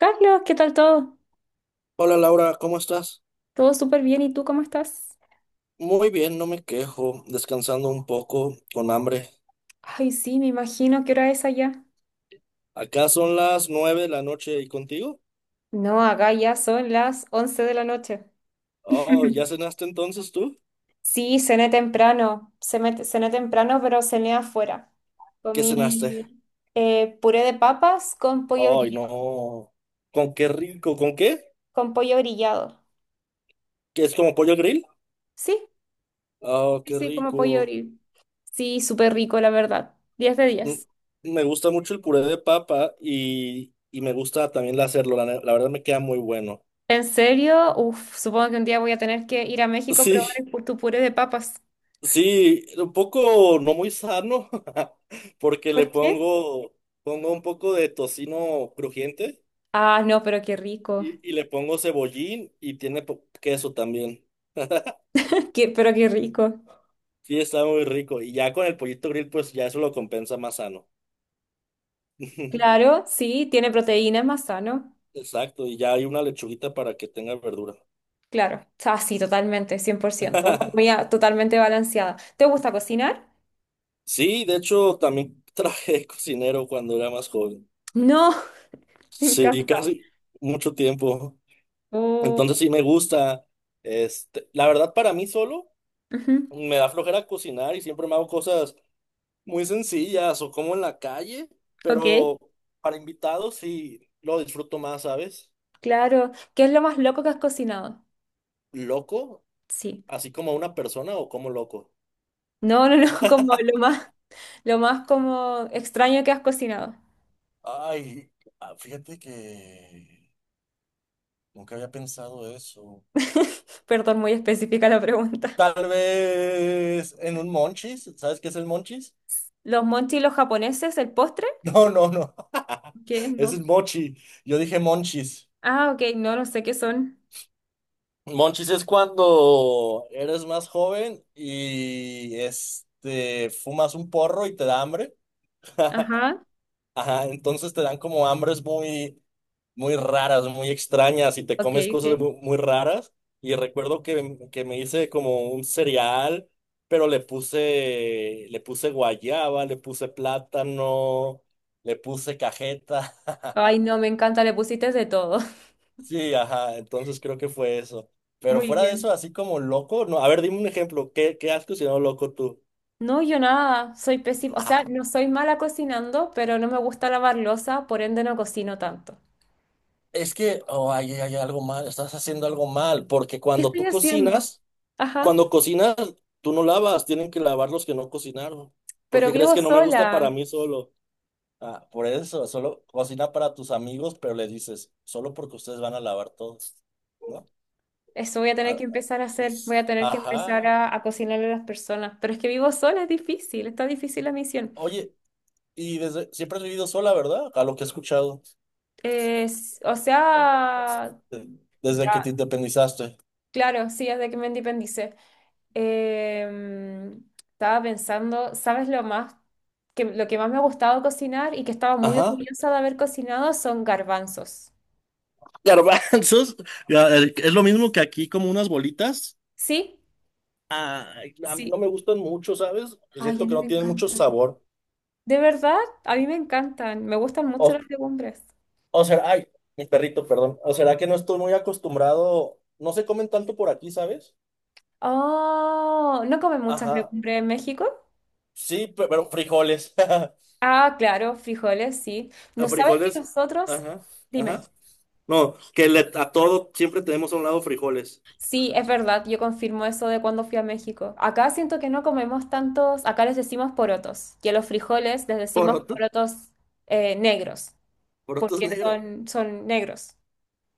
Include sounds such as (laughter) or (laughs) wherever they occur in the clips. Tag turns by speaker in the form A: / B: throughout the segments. A: Carlos, ¿qué tal todo?
B: Hola Laura, ¿cómo estás?
A: Todo súper bien, ¿y tú cómo estás?
B: Muy bien, no me quejo, descansando un poco, con hambre.
A: Ay, sí, me imagino qué hora es allá.
B: Acá son las 9 de la noche y contigo.
A: No, acá ya son las 11 de la noche.
B: Oh, ¿ya
A: (laughs)
B: cenaste entonces tú?
A: Sí, cené temprano, cené temprano, pero cené afuera.
B: ¿Qué cenaste?
A: Comí puré de papas con pollo
B: Ay,
A: brillado.
B: no. ¿Con qué rico? ¿Con qué?
A: Con pollo brillado.
B: ¿Que es como pollo grill?
A: Sí,
B: Oh,
A: sí,
B: qué
A: sí, como pollo
B: rico.
A: brillado. Sí, súper rico, la verdad. 10 de
B: Mm,
A: 10.
B: Me gusta mucho el puré de papa y me gusta también hacerlo, la verdad me queda muy bueno.
A: ¿En serio? Uf, supongo que un día voy a tener que ir a
B: (laughs)
A: México a probar
B: Sí,
A: tu puré de papas.
B: sí, un poco no muy sano, (laughs) porque
A: ¿Por qué?
B: pongo un poco de tocino crujiente
A: Ah, no, pero qué rico.
B: y le pongo cebollín y tiene queso también. (laughs)
A: (laughs) Pero qué rico.
B: Sí, está muy rico. Y ya con el pollito grill, pues ya eso lo compensa más sano. (laughs)
A: Claro, sí, tiene proteína, es más sano.
B: Exacto, y ya hay una lechuguita para que tenga verdura.
A: Claro. Ah, sí, totalmente, 100%. Una
B: (laughs)
A: comida totalmente balanceada. ¿Te gusta cocinar?
B: Sí, de hecho, también (laughs) trabajé de cocinero cuando era más joven.
A: No, (laughs) me
B: Sí,
A: encanta.
B: casi mucho tiempo. Entonces
A: Oh,
B: sí me gusta. Este, la verdad, para mí solo.
A: ujú,
B: Me da flojera cocinar y siempre me hago cosas muy sencillas o como en la calle,
A: ok.
B: pero para invitados sí lo disfruto más, ¿sabes?
A: Claro. ¿Qué es lo más loco que has cocinado?
B: Loco,
A: Sí.
B: así como una persona o como loco.
A: No, no, no, (laughs) como lo más como extraño que has cocinado.
B: Ay, ah, fíjate que nunca había pensado eso.
A: (laughs) Perdón, muy específica la pregunta.
B: Tal vez en un monchis, ¿sabes qué es el monchis? (laughs)
A: ¿Los monchi los japoneses, el postre?
B: No, no, no. (laughs)
A: ¿Qué?
B: Ese es
A: No.
B: mochi. Yo dije monchis.
A: Ah, ok, no, no sé qué son.
B: Monchis es cuando eres más joven y este fumas un porro y te da hambre. (laughs)
A: Ajá,
B: Ajá, entonces te dan como hambres muy, muy raras, muy extrañas y te
A: ok,
B: comes cosas
A: ok.
B: muy, raras. Y recuerdo que me hice como un cereal, pero le puse guayaba, le puse plátano, le puse cajeta. (laughs)
A: Ay, no, me encanta, le pusiste de todo. (laughs)
B: Sí, ajá, entonces creo que fue eso. Pero
A: Muy
B: fuera de
A: bien.
B: eso, así como loco, no, a ver, dime un ejemplo, ¿qué has cocinado loco tú?
A: No, yo nada, soy pésima, o sea, no
B: (laughs)
A: soy mala cocinando, pero no me gusta lavar loza, por ende no cocino tanto.
B: Es que, oh, ahí hay, algo mal, estás haciendo algo mal, porque
A: ¿Qué estoy haciendo? Ajá,
B: cuando cocinas, tú no lavas, tienen que lavar los que no cocinaron. ¿Por
A: pero
B: qué crees
A: vivo
B: que no me gusta para
A: sola.
B: mí solo? Ah, por eso, solo cocina para tus amigos, pero le dices, solo porque ustedes van a lavar todos, ¿no?
A: Eso voy a tener
B: Ah,
A: que empezar a hacer, voy a tener que empezar
B: ajá.
A: a cocinarle a las personas, pero es que vivo sola, es difícil, está difícil la misión.
B: Oye, y desde siempre has vivido sola, ¿verdad? A lo que he escuchado.
A: O sea,
B: Desde que te
A: ya,
B: independizaste.
A: claro, sí, desde que me independicé. Em, estaba pensando, ¿sabes lo que más me ha gustado cocinar y que estaba muy
B: Ajá.
A: orgullosa de haber cocinado son garbanzos?
B: Garbanzos, es lo mismo que aquí, como unas bolitas.
A: ¿Sí?
B: Ay, a mí no
A: Sí.
B: me gustan mucho, ¿sabes? Yo
A: Ay, a
B: siento que
A: mí
B: no
A: me
B: tienen mucho
A: encantan.
B: sabor.
A: ¿De verdad? A mí me encantan. Me gustan
B: O,
A: mucho las legumbres.
B: o será, ay, mi perrito, perdón. O será que no estoy muy acostumbrado. No se comen tanto por aquí, ¿sabes?
A: Oh, ¿no comen muchas
B: Ajá.
A: legumbres en México?
B: Sí, pero frijoles. (laughs)
A: Ah, claro, frijoles, sí.
B: A
A: ¿No sabes que
B: frijoles,
A: nosotros?
B: ajá, ajá.
A: Dime.
B: No, que a todo siempre tenemos a un lado frijoles.
A: Sí, es verdad, yo confirmo eso de cuando fui a México. Acá siento que no comemos tantos, acá les decimos porotos, y a los frijoles les decimos
B: Porotos,
A: porotos negros,
B: porotos
A: porque
B: negros.
A: son negros.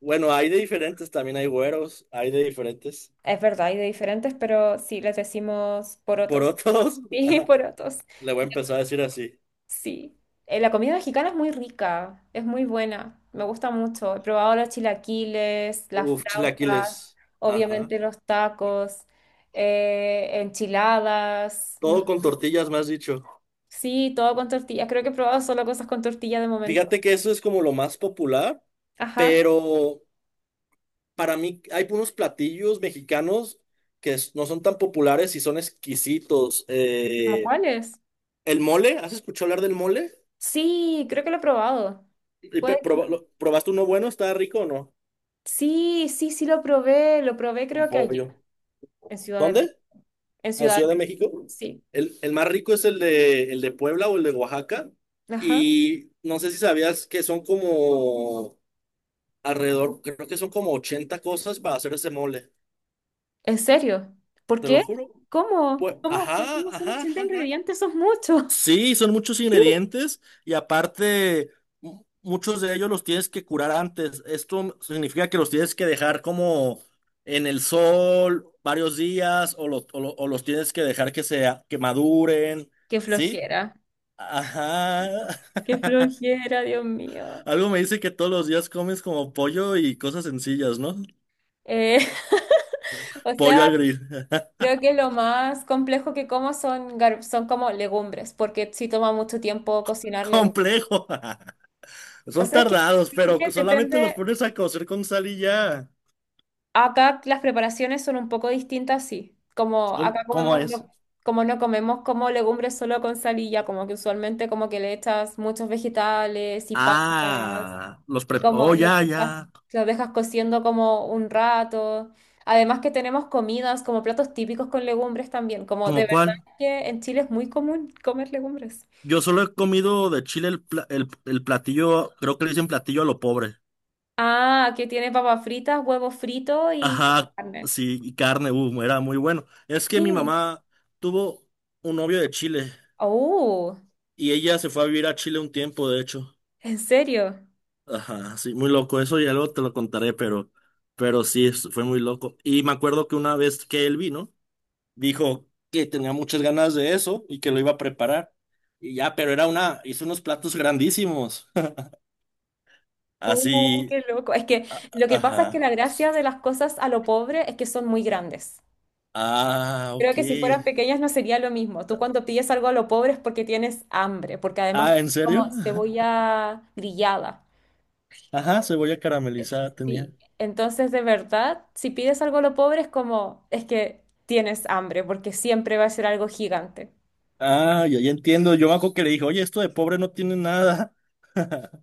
B: Bueno, hay de diferentes, también hay güeros, hay de diferentes.
A: Es verdad, hay de diferentes, pero sí, les decimos
B: Por
A: porotos.
B: otros, (laughs)
A: Sí, (laughs)
B: ajá,
A: porotos,
B: le voy a empezar a decir así.
A: sí. La comida mexicana es muy rica, es muy buena, me gusta mucho. He probado los chilaquiles, las
B: Uf,
A: flautas,
B: chilaquiles. Ajá.
A: obviamente los tacos, enchiladas. No.
B: Todo con tortillas, me has dicho.
A: Sí, todo con tortillas. Creo que he probado solo cosas con tortilla de momento.
B: Fíjate que eso es como lo más popular,
A: Ajá.
B: pero para mí hay unos platillos mexicanos que no son tan populares y son exquisitos.
A: ¿Cómo cuáles?
B: El mole, ¿has escuchado hablar del mole?
A: Sí, creo que lo he probado.
B: Y
A: Puede que lo-
B: ¿probaste uno bueno? ¿Está rico o no?
A: Sí, sí lo probé. Lo probé
B: Con
A: creo que allá,
B: pollo.
A: en Ciudad de México.
B: ¿Dónde?
A: En
B: La
A: Ciudad
B: Ciudad
A: de
B: de
A: México.
B: México.
A: Sí.
B: El más rico es el de Puebla o el de Oaxaca.
A: Ajá.
B: Y no sé si sabías que son como alrededor, creo que son como 80 cosas para hacer ese mole.
A: ¿En serio? ¿Por
B: Te lo
A: qué?
B: juro. Pues,
A: ¿Cómo? ¿Cómo? Pues
B: ajá,
A: como son
B: ajá, ajá.
A: 80
B: Ajá.
A: ingredientes, son muchos.
B: Sí, son muchos
A: Sí.
B: ingredientes y aparte muchos de ellos los tienes que curar antes. Esto significa que los tienes que dejar como en el sol varios días o, o los tienes que dejar que maduren,
A: Qué
B: ¿sí?
A: flojera.
B: Ajá.
A: Qué flojera, Dios mío.
B: Algo me dice que todos los días comes como pollo y cosas sencillas, ¿no?
A: Eh, (laughs) o
B: Pollo
A: sea,
B: al grill.
A: creo que lo más complejo que como son como legumbres, porque sí toma mucho tiempo
B: (laughs)
A: cocinar legumbres.
B: Complejo. (laughs)
A: O
B: Son
A: sea, es que
B: tardados, pero
A: creo que
B: solamente los
A: depende,
B: pones a cocer con sal y ya.
A: acá las preparaciones son un poco distintas, sí. Como
B: ¿Cómo,
A: acá
B: cómo
A: comemos,
B: es?
A: como no comemos como legumbres solo con salilla, como que usualmente como que le echas muchos vegetales y papas,
B: Ah,
A: y
B: Oh, ya, ya.
A: los dejas cociendo como un rato. Además que tenemos comidas como platos típicos con legumbres también, como
B: ¿Cómo
A: de verdad
B: cuál?
A: que en Chile es muy común comer legumbres.
B: Yo solo he comido de Chile el platillo, creo que le dicen platillo a lo pobre.
A: Ah, que tiene papas fritas, huevos fritos y
B: Ajá,
A: carne.
B: sí, y carne, era muy bueno. Es que mi
A: Sí.
B: mamá tuvo un novio de Chile.
A: Oh,
B: Y ella se fue a vivir a Chile un tiempo, de hecho.
A: ¿en serio?
B: Ajá, sí, muy loco. Eso ya luego te lo contaré, pero sí, fue muy loco. Y me acuerdo que una vez que él vino, dijo que tenía muchas ganas de eso y que lo iba a preparar. Y ya, pero hizo unos platos grandísimos. (laughs)
A: Oh,
B: Así,
A: qué loco. Es que lo que pasa es que
B: ajá.
A: la gracia de las cosas a lo pobre es que son muy grandes.
B: Ah,
A: Creo
B: ok.
A: que si fueran pequeñas no sería lo mismo. Tú cuando pides algo a lo pobre es porque tienes hambre, porque además
B: Ah,
A: tiene
B: ¿en serio?
A: como
B: (laughs)
A: cebolla grillada.
B: Ajá, cebolla caramelizada tenía.
A: Sí. Entonces, de verdad, si pides algo a lo pobre es como, es que tienes hambre, porque siempre va a ser algo gigante.
B: Ah, ya, ya entiendo. Yo me acuerdo que le dije, oye, esto de pobre no tiene nada, (laughs)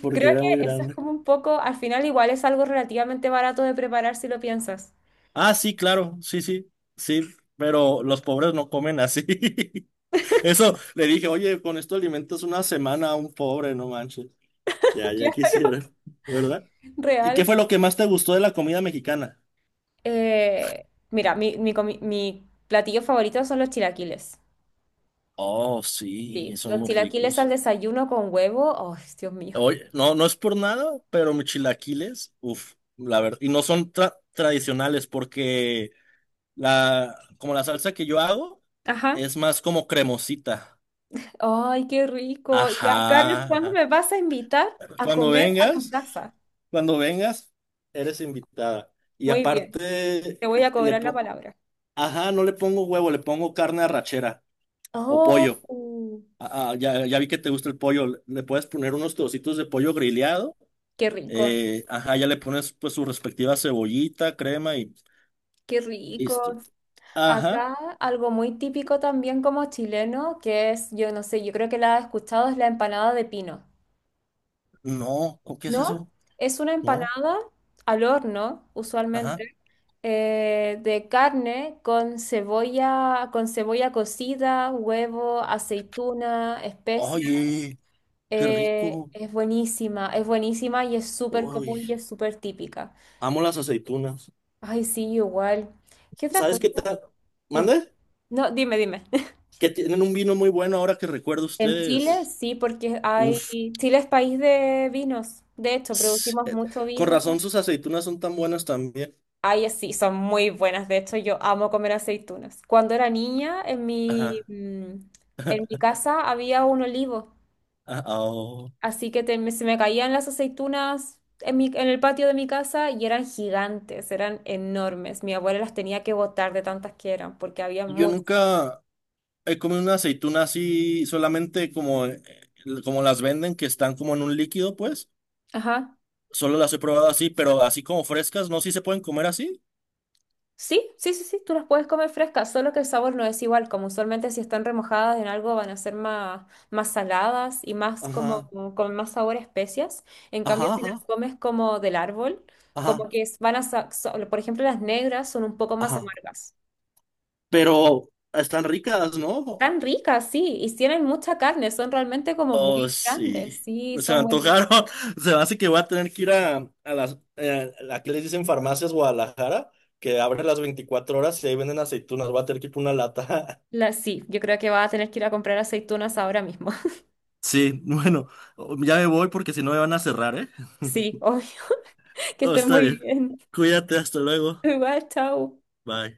B: porque
A: Creo
B: era muy
A: que eso es
B: grande.
A: como un poco, al final igual es algo relativamente barato de preparar si lo piensas.
B: Ah, sí, claro, sí, sí, sí, pero los pobres no comen así. (laughs) Eso le dije, oye, con esto alimentas una semana a un pobre, no manches. Ya,
A: (laughs)
B: ya
A: Claro.
B: quisiera, ¿verdad? ¿Y qué
A: Real.
B: fue lo que más te gustó de la comida mexicana?
A: Mira, mi platillo favorito son los chilaquiles.
B: Oh, sí,
A: Sí,
B: son
A: los
B: muy
A: chilaquiles
B: ricos.
A: al desayuno con huevo. ¡Oh, Dios mío!
B: Oye, no, no es por nada, pero mis chilaquiles, uff, la verdad, y no son tradicionales porque como la salsa que yo hago
A: Ajá.
B: es más como cremosita.
A: ¡Ay, qué rico! Ya, Carlos,
B: Ajá,
A: ¿cuándo
B: ajá.
A: me vas a invitar a
B: Cuando
A: comer a tu
B: vengas,
A: casa?
B: cuando vengas, eres invitada. Y
A: Muy bien,
B: aparte,
A: te voy a
B: le
A: cobrar la
B: po-
A: palabra.
B: ajá, no le pongo huevo, le pongo carne arrachera o
A: ¡Oh!
B: pollo. Ah, ah, ya, ya vi que te gusta el pollo. Le puedes poner unos trocitos de pollo grillado.
A: ¡Qué rico!
B: Ajá, ya le pones pues su respectiva cebollita, crema y
A: ¡Qué
B: listo.
A: rico!
B: Ajá,
A: Acá algo muy típico también como chileno, que es, yo no sé, yo creo que la has escuchado, es la empanada de pino,
B: no, ¿o ¿qué es
A: ¿no?
B: eso?
A: Es una
B: No,
A: empanada al horno,
B: ajá.
A: usualmente, de carne con cebolla cocida, huevo, aceituna, especias.
B: Oye, qué rico.
A: Es buenísima y es súper
B: Oye,
A: común y es súper típica.
B: amo las aceitunas.
A: Ay, sí, igual. ¿Qué otra
B: ¿Sabes
A: cosa?
B: qué tal?
A: Dime.
B: ¿Mande?
A: No, dime, dime.
B: Que tienen un vino muy bueno ahora que recuerdo
A: En Chile,
B: ustedes.
A: sí, porque hay,
B: Uf,
A: Chile es país de vinos. De hecho,
B: s-
A: producimos
B: eh,
A: mucho
B: con
A: vino.
B: razón sus aceitunas son tan buenas también.
A: Ay, sí, son muy buenas. De hecho, yo amo comer aceitunas. Cuando era niña,
B: Ajá.
A: en mi casa había un olivo,
B: Ah, oh.
A: así que se me caían las aceitunas en el patio de mi casa y eran gigantes, eran enormes. Mi abuela las tenía que botar de tantas que eran, porque había
B: Yo
A: muchas.
B: nunca he comido una aceituna así, solamente como las venden, que están como en un líquido, pues.
A: Ajá.
B: Solo las he probado así, pero así como frescas, ¿no? Sí se pueden comer así.
A: Sí, tú las puedes comer frescas, solo que el sabor no es igual, como usualmente si están remojadas en algo van a ser más, más saladas y más
B: Ajá,
A: como con más sabor a especias. En cambio,
B: ajá,
A: si las
B: ajá,
A: comes como del árbol,
B: ajá,
A: como que van a, por ejemplo, las negras son un poco más
B: ajá.
A: amargas.
B: Pero están ricas, ¿no?
A: Tan ricas, sí, y tienen mucha carne, son realmente como
B: Oh,
A: muy grandes,
B: sí.
A: sí,
B: Se me
A: son muy...
B: antojaron. (laughs) Se me hace que voy a tener que ir a que les dicen farmacias Guadalajara, que abre las 24 horas y ahí venden aceitunas. Voy a tener que ir por una lata. (laughs)
A: Las, sí, yo creo que vas a tener que ir a comprar aceitunas ahora mismo. (laughs)
B: Sí, bueno, ya me voy porque si no me van a cerrar, ¿eh?
A: Sí,
B: (laughs)
A: obvio, (laughs) que
B: Oh,
A: estén
B: está
A: muy
B: bien.
A: bien.
B: Cuídate, hasta luego.
A: Igual, chao.
B: Bye.